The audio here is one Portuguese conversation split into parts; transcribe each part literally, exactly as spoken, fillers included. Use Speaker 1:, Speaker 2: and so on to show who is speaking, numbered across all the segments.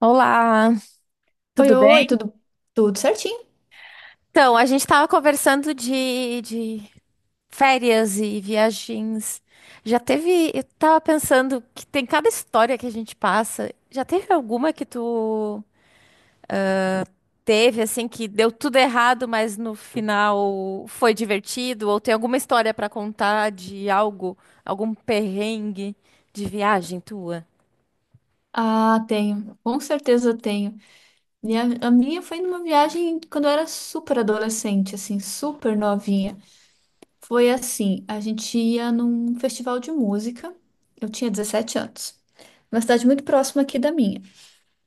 Speaker 1: Olá,
Speaker 2: Oi,
Speaker 1: tudo bem?
Speaker 2: oi, tudo, tudo certinho?
Speaker 1: Então, a gente estava conversando de, de férias e viagens. Já teve, eu tava pensando que tem cada história que a gente passa. Já teve alguma que tu teve, assim, que deu tudo errado, mas no final foi divertido? Ou tem alguma história para contar de algo, algum perrengue de viagem tua?
Speaker 2: Ah, tenho, com certeza tenho. E a, minha foi numa viagem quando eu era super adolescente, assim, super novinha. Foi assim, a gente ia num festival de música, eu tinha dezessete anos, uma cidade muito próxima aqui da minha.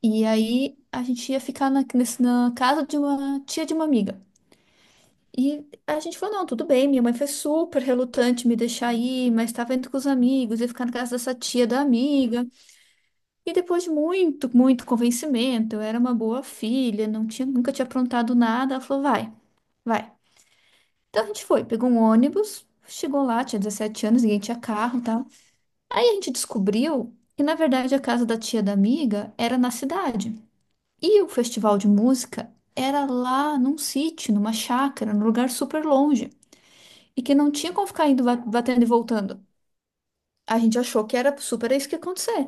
Speaker 2: E aí a gente ia ficar na, nesse- na casa de uma tia de uma amiga. E a gente falou, não, tudo bem, minha mãe foi super relutante me deixar ir, mas estava indo com os amigos, ia ficar na casa dessa tia da amiga. E depois de muito, muito convencimento, eu era uma boa filha, não tinha, nunca tinha aprontado nada. Ela falou, vai, vai. Então a gente foi, pegou um ônibus, chegou lá, tinha dezessete anos, ninguém tinha carro e tal. Aí a gente descobriu que, na verdade, a casa da tia da amiga era na cidade. E o festival de música era lá num sítio, numa chácara, num lugar super longe. E que não tinha como ficar indo, ba- batendo e voltando. A gente achou que era super isso que ia acontecer.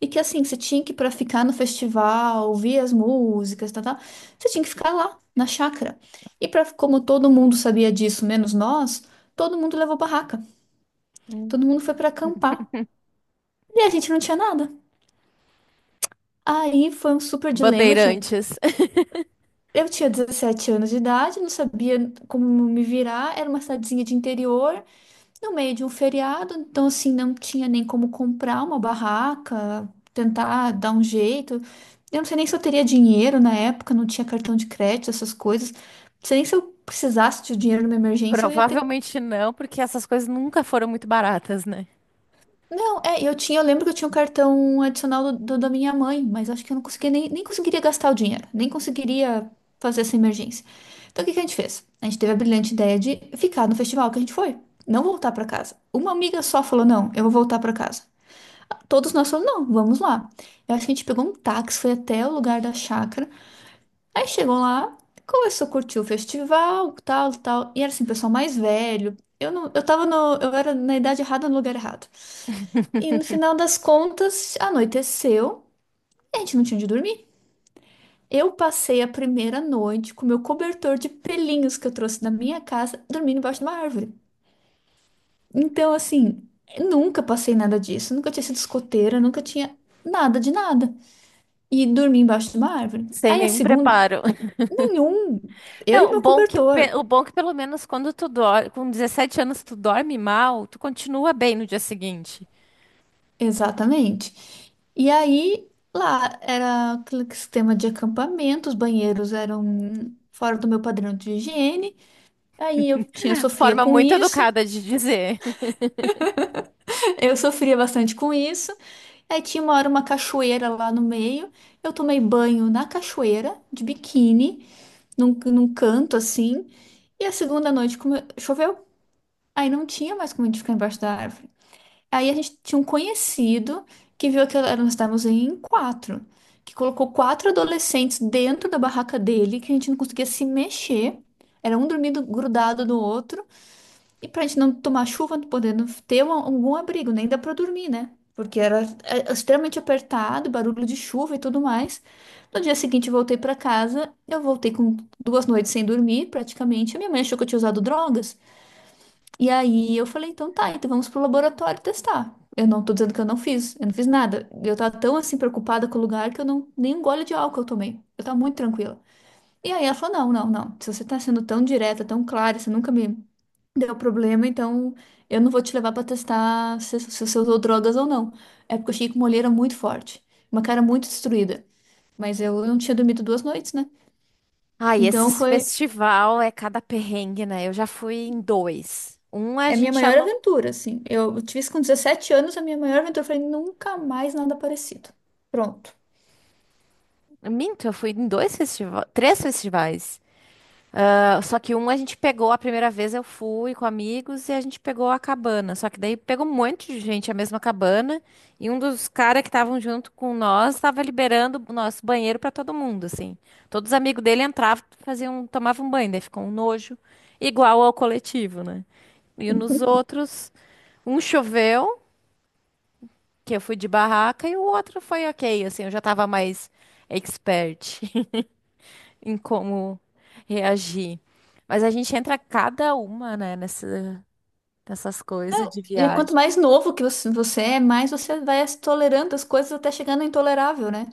Speaker 2: E que assim, você tinha que, para ficar no festival, ouvir as músicas, tal, tal, você tinha que ficar lá, na chácara. E para como todo mundo sabia disso, menos nós, todo mundo levou barraca.
Speaker 1: Hum.
Speaker 2: Todo mundo foi para acampar. E a gente não tinha nada. Aí foi um super dilema. Tinha...
Speaker 1: Bandeirantes.
Speaker 2: Eu tinha dezessete anos de idade, não sabia como me virar. Era uma cidadezinha de interior, no meio de um feriado, então assim não tinha nem como comprar uma barraca, tentar dar um jeito. Eu não sei nem se eu teria dinheiro na época, não tinha cartão de crédito, essas coisas. Não sei nem se eu precisasse de dinheiro numa emergência, eu ia ter.
Speaker 1: Provavelmente não, porque essas coisas nunca foram muito baratas, né?
Speaker 2: Não, é, eu tinha, eu lembro que eu tinha um cartão adicional do, do- da minha mãe, mas acho que eu não conseguia nem, nem conseguiria gastar o dinheiro, nem conseguiria fazer essa emergência. Então o que que a gente fez? A gente teve a brilhante ideia de ficar no festival que a gente foi, não voltar para casa. Uma amiga só falou: não, eu vou voltar para casa. Todos nós falamos, não, vamos lá. Eu acho que a gente pegou um táxi, foi até o lugar da chácara. Aí chegou lá, começou a curtir o festival, tal, tal. E era assim, pessoal mais velho. Eu não, eu tava no, eu era na idade errada, no lugar errado. E no final das contas, anoiteceu, e a gente não tinha onde dormir. Eu passei a primeira noite com meu cobertor de pelinhos que eu trouxe da minha casa, dormindo embaixo de uma árvore. Então, assim, nunca passei nada disso, nunca tinha sido escoteira, nunca tinha nada de nada, e dormi embaixo de uma árvore.
Speaker 1: Sem
Speaker 2: Aí a
Speaker 1: nenhum
Speaker 2: segunda,
Speaker 1: preparo.
Speaker 2: nenhum. Eu e
Speaker 1: Não, o
Speaker 2: meu
Speaker 1: bom que,
Speaker 2: cobertor,
Speaker 1: pe- o bom que pelo menos quando tu dorme, com dezessete anos tu dorme mal, tu continua bem no dia seguinte.
Speaker 2: exatamente. E aí lá era aquele sistema de acampamento, os banheiros eram fora do meu padrão de higiene. Aí eu tinha sofria
Speaker 1: Forma
Speaker 2: com
Speaker 1: muito
Speaker 2: isso.
Speaker 1: educada de dizer.
Speaker 2: Eu sofria bastante com isso. Aí tinha uma hora uma cachoeira lá no meio. Eu tomei banho na cachoeira, de biquíni, num, num canto assim. E a segunda noite come- choveu. Aí não tinha mais como a gente ficar embaixo da árvore. Aí a gente tinha um conhecido que viu que nós estávamos em quatro, que colocou quatro adolescentes dentro da barraca dele, que a gente não conseguia se mexer. Era um dormindo grudado no outro, e pra gente não tomar chuva, não podendo ter um- algum abrigo, nem dá pra dormir, né? Porque era é, é extremamente apertado, barulho de chuva e tudo mais. No dia seguinte, eu voltei pra casa, eu voltei com duas noites sem dormir, praticamente. A minha mãe achou que eu tinha usado drogas. E aí eu falei, então tá, então vamos pro laboratório testar. Eu não tô dizendo que eu não fiz, eu não fiz nada. Eu tava tão assim preocupada com o lugar que eu não nem um gole de álcool eu tomei. Eu tava muito tranquila. E aí ela falou: "Não, não, não. Se você tá sendo tão direta, tão clara, você nunca me deu problema, então eu não vou te levar pra testar se, se você usou drogas ou não". É porque eu cheguei com uma olheira muito forte, uma cara muito destruída, mas eu não tinha dormido duas noites, né?
Speaker 1: Ai,
Speaker 2: Então
Speaker 1: esses
Speaker 2: foi
Speaker 1: festival é cada perrengue, né? Eu já fui em dois. Um a
Speaker 2: é a minha
Speaker 1: gente
Speaker 2: maior
Speaker 1: alugou.
Speaker 2: aventura, assim. Eu tive isso com dezessete anos, a minha maior aventura. Eu falei, nunca mais nada parecido. Pronto.
Speaker 1: Minto, eu fui em dois festivais, três festivais. Ah, Só que um a gente pegou a primeira vez, eu fui com amigos e a gente pegou a cabana. Só que daí pegou um monte de gente a mesma cabana e um dos caras que estavam junto com nós estava liberando o nosso banheiro para todo mundo, assim. Todos os amigos dele entravam, faziam, tomavam banho, daí ficou um nojo igual ao coletivo, né? E nos outros, um choveu, que eu fui de barraca e o outro foi ok, assim, eu já tava mais expert em como reagir. Mas a gente entra cada uma, né, nessa, nessas coisas
Speaker 2: Não,
Speaker 1: de
Speaker 2: e é quanto
Speaker 1: viagem.
Speaker 2: mais novo que você você é, mais você vai se tolerando as coisas até chegar no intolerável, né?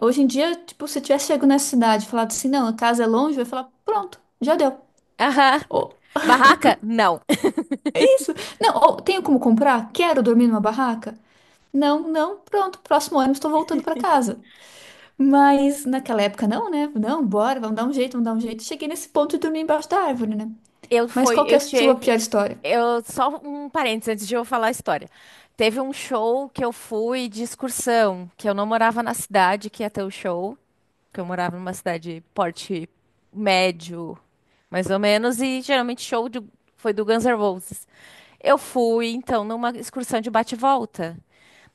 Speaker 2: Hoje em dia, tipo, se eu tivesse chego nessa cidade e falado assim, não, a casa é longe, eu ia falar, pronto, já deu.
Speaker 1: Aham.
Speaker 2: Ou
Speaker 1: Barraca? Não.
Speaker 2: isso. Não, ou tenho como comprar? Quero dormir numa barraca? Não, não, pronto, próximo ônibus estou voltando para casa. Mas naquela época, não, né? Não, bora, vamos dar um jeito, vamos dar um jeito. Cheguei nesse ponto e dormi embaixo da árvore, né?
Speaker 1: Eu
Speaker 2: Mas
Speaker 1: foi,
Speaker 2: qual que é
Speaker 1: eu
Speaker 2: a sua
Speaker 1: tive,
Speaker 2: pior história?
Speaker 1: Eu só um parênteses antes de eu falar a história. Teve um show que eu fui de excursão, que eu não morava na cidade que ia ter o show, que eu morava numa cidade porte médio, mais ou menos, e geralmente show de- foi do Guns N' Roses. Eu fui, então, numa excursão de bate-volta.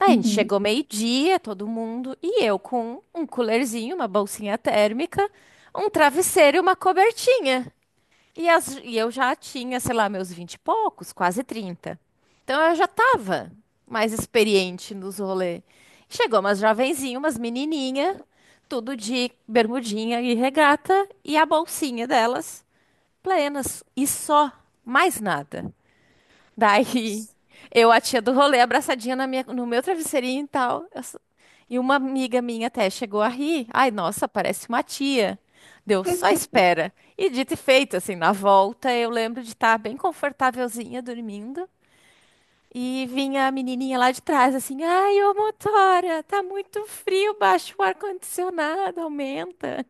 Speaker 1: Aí a gente
Speaker 2: Uhum.
Speaker 1: chegou meio-dia, todo mundo, e eu com um coolerzinho, uma bolsinha térmica, um travesseiro e uma cobertinha. E, as- e eu já tinha, sei lá, meus vinte e poucos, quase trinta. Então eu já tava mais experiente nos rolês. Chegou umas jovenzinhas, umas menininha, tudo de bermudinha e regata, e a bolsinha delas, plenas, e só, mais nada. Daí, eu, a tia do rolê, abraçadinha na minha, no meu travesseirinho e tal. Eu só- e uma amiga minha até chegou a rir. Ai, nossa, parece uma tia. Deu só espera. E dito e feito, assim, na volta, eu lembro de estar bem confortávelzinha dormindo. E vinha a menininha lá de trás, assim, ai, ô motora, tá muito frio, baixa o ar-condicionado, aumenta.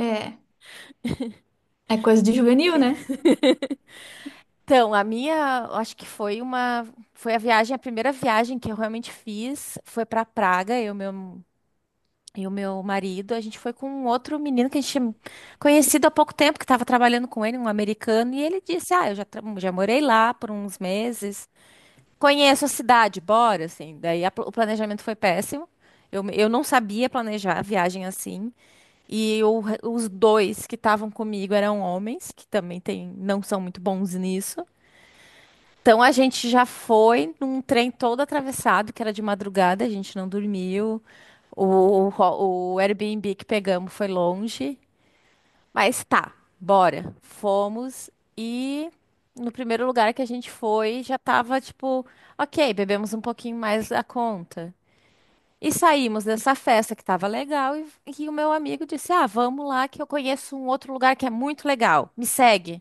Speaker 2: É, é coisa de juvenil, né?
Speaker 1: Então, a minha, acho que foi uma, foi a viagem, a primeira viagem que eu realmente fiz, foi para Praga, eu, e meu E o meu marido, a gente foi com um outro menino que a gente tinha conhecido há pouco tempo, que estava trabalhando com ele, um americano, e ele disse: Ah, eu já, tra- já morei lá por uns meses, conheço a cidade, bora, assim. Daí a pl- o planejamento foi péssimo. Eu, me- eu não sabia planejar a viagem assim. E o re- os dois que estavam comigo eram homens, que também tem, não são muito bons nisso. Então a gente já foi num trem todo atravessado, que era de madrugada, a gente não dormiu. O, o, ro- o Airbnb que pegamos foi longe. Mas tá, bora. Fomos e no primeiro lugar que a gente foi já tava tipo, ok, bebemos um pouquinho mais da conta. E saímos dessa festa que tava legal e, e o meu amigo disse: Ah, vamos lá que eu conheço um outro lugar que é muito legal. Me segue.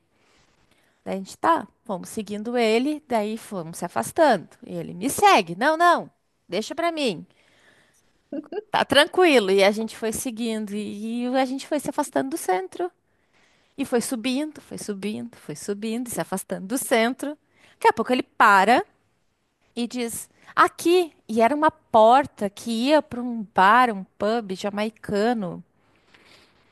Speaker 1: Daí a gente tá, vamos seguindo ele, daí fomos se afastando. E ele me segue, não, não, deixa pra mim, tá tranquilo. E a gente foi seguindo, e, e a gente foi se afastando do centro. E foi subindo, foi subindo, foi subindo, e se afastando do centro. Daqui a pouco ele para e diz: aqui. E era uma porta que ia pra um bar, um pub jamaicano,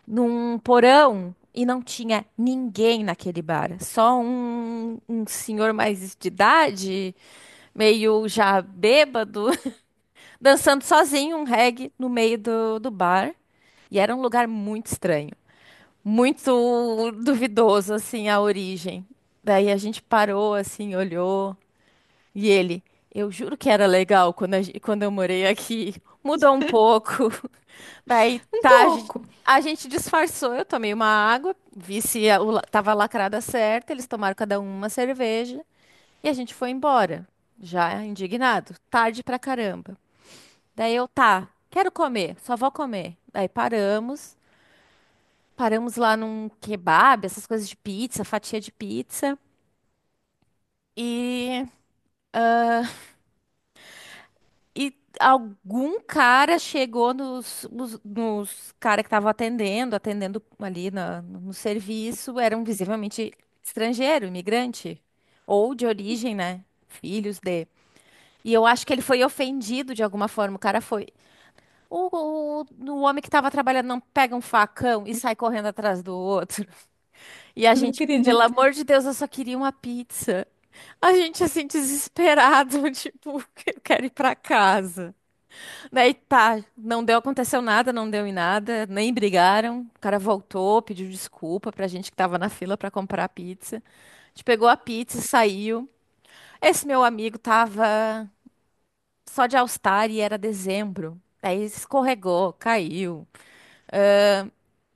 Speaker 1: num porão. E não tinha ninguém naquele bar, só um, um senhor mais de idade meio já bêbado, dançando sozinho um reggae no meio do, do bar. E era um lugar muito estranho, muito duvidoso, assim, a origem. Daí a gente parou, assim, olhou. E ele, eu juro que era legal quando, a gen- quando eu morei aqui. Mudou um pouco. Daí
Speaker 2: Um
Speaker 1: tá, a gen-
Speaker 2: pouco,
Speaker 1: a gente disfarçou. Eu tomei uma água, vi se a- o la- tava lacrada certa. Eles tomaram cada um uma cerveja. E a gente foi embora, já indignado, tarde pra caramba. Daí eu, tá, quero comer, só vou comer. Daí paramos, paramos lá num kebab, essas coisas de pizza, fatia de pizza. E, e algum cara chegou nos, nos, nos cara que estavam atendendo, atendendo ali na- no serviço, eram visivelmente estrangeiro, imigrante, ou de origem, né? Filhos de. E eu acho que ele foi ofendido de alguma forma. O cara foi. O, o, o homem que tava trabalhando não pega um facão e sai correndo atrás do outro. E a
Speaker 2: não
Speaker 1: gente, pelo
Speaker 2: acredito.
Speaker 1: amor de Deus, eu só queria uma pizza. A gente, assim, desesperado, tipo, eu quero ir pra casa. Daí tá, não deu, aconteceu nada, não deu em nada, nem brigaram. O cara voltou, pediu desculpa pra gente que tava na fila pra comprar a pizza. A gente pegou a pizza e saiu. Esse meu amigo tava só de All Star e era dezembro. Daí escorregou, caiu.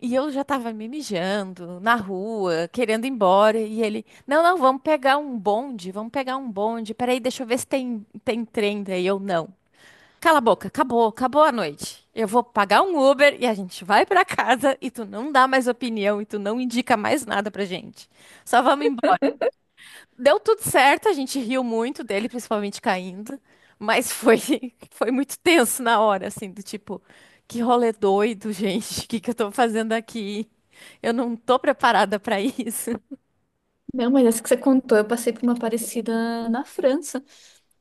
Speaker 1: E eu já tava me mijando na rua, querendo ir embora. E ele, não, não, vamos pegar um bonde, vamos pegar um bonde. Peraí, deixa eu ver se tem, tem trem daí ou não. Cala a boca, acabou, acabou a noite. Eu vou pagar um Uber e a gente vai pra casa e tu não dá mais opinião e tu não indica mais nada pra gente. Só vamos embora. Deu tudo certo, a gente riu muito dele, principalmente caindo, mas foi, foi muito tenso na hora, assim, do tipo, que rolê doido, gente, o que que eu tô fazendo aqui? Eu não tô preparada pra isso.
Speaker 2: Não, mas essa que você contou, eu passei por uma parecida na França.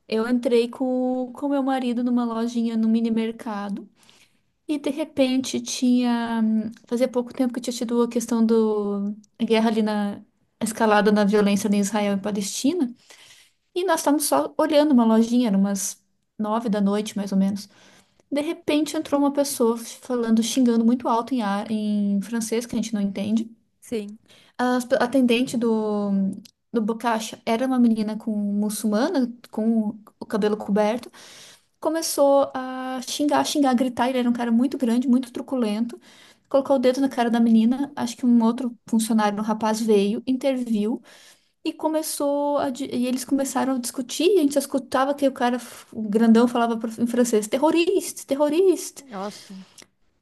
Speaker 2: Eu entrei com com meu marido numa lojinha no mini mercado e de repente tinha. hum, Fazia pouco tempo que tinha tido a questão do, a guerra ali na, a escalada na violência ali em Israel e Palestina. E nós estávamos só olhando uma lojinha, eram umas nove da noite, mais ou menos. De repente entrou uma pessoa falando, xingando muito alto em, ar- em francês, que a gente não entende.
Speaker 1: Sim.
Speaker 2: As pe- A atendente do, do Bocacha era uma menina com muçulmana, com o cabelo coberto. Começou a xingar, xingar, gritar. Ele era um cara muito grande, muito truculento. Colocou o dedo na cara da menina. Acho que um outro funcionário, um rapaz, veio, interviu. E começou a, di- e eles começaram a discutir, e a gente só escutava que o cara f- o grandão falava pro- em francês, terrorista, terrorista.
Speaker 1: Nossa.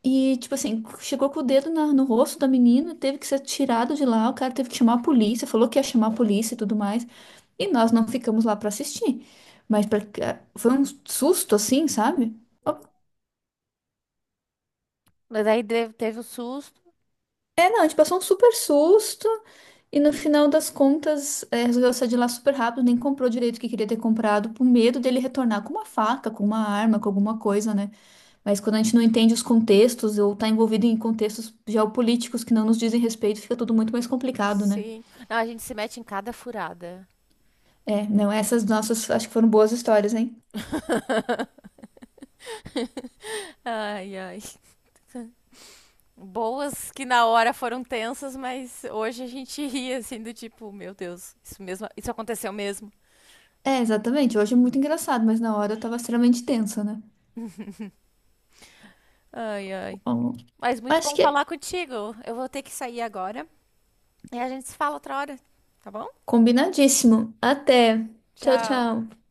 Speaker 2: E tipo assim, chegou com o dedo na- no rosto da menina, teve que ser tirado de lá, o cara teve que chamar a polícia, falou que ia chamar a polícia e tudo mais. E nós não ficamos lá pra assistir. Mas pra- é, foi um susto assim, sabe?
Speaker 1: Mas aí de- teve o susto.
Speaker 2: É, não, a gente passou um super susto. E no final das contas, eh, resolveu sair de lá super rápido, nem comprou direito o que queria ter comprado, por medo dele retornar com uma faca, com uma arma, com alguma coisa, né? Mas quando a gente não entende os contextos ou tá envolvido em contextos geopolíticos que não nos dizem respeito, fica tudo muito mais complicado, né?
Speaker 1: Sim. Não, a gente se mete em cada furada.
Speaker 2: É, não, essas nossas acho que foram boas histórias, hein?
Speaker 1: Ai, ai. Boas que na hora foram tensas, mas hoje a gente ri, assim, do tipo, meu Deus, isso mesmo, isso aconteceu mesmo.
Speaker 2: É, exatamente. Hoje é muito engraçado, mas na hora eu tava extremamente tensa, né?
Speaker 1: Ai, ai.
Speaker 2: Bom,
Speaker 1: Mas muito
Speaker 2: acho
Speaker 1: bom
Speaker 2: que é
Speaker 1: falar contigo. Eu vou ter que sair agora. E a gente se fala outra hora, tá bom?
Speaker 2: combinadíssimo. Até. Tchau,
Speaker 1: Tchau.
Speaker 2: tchau.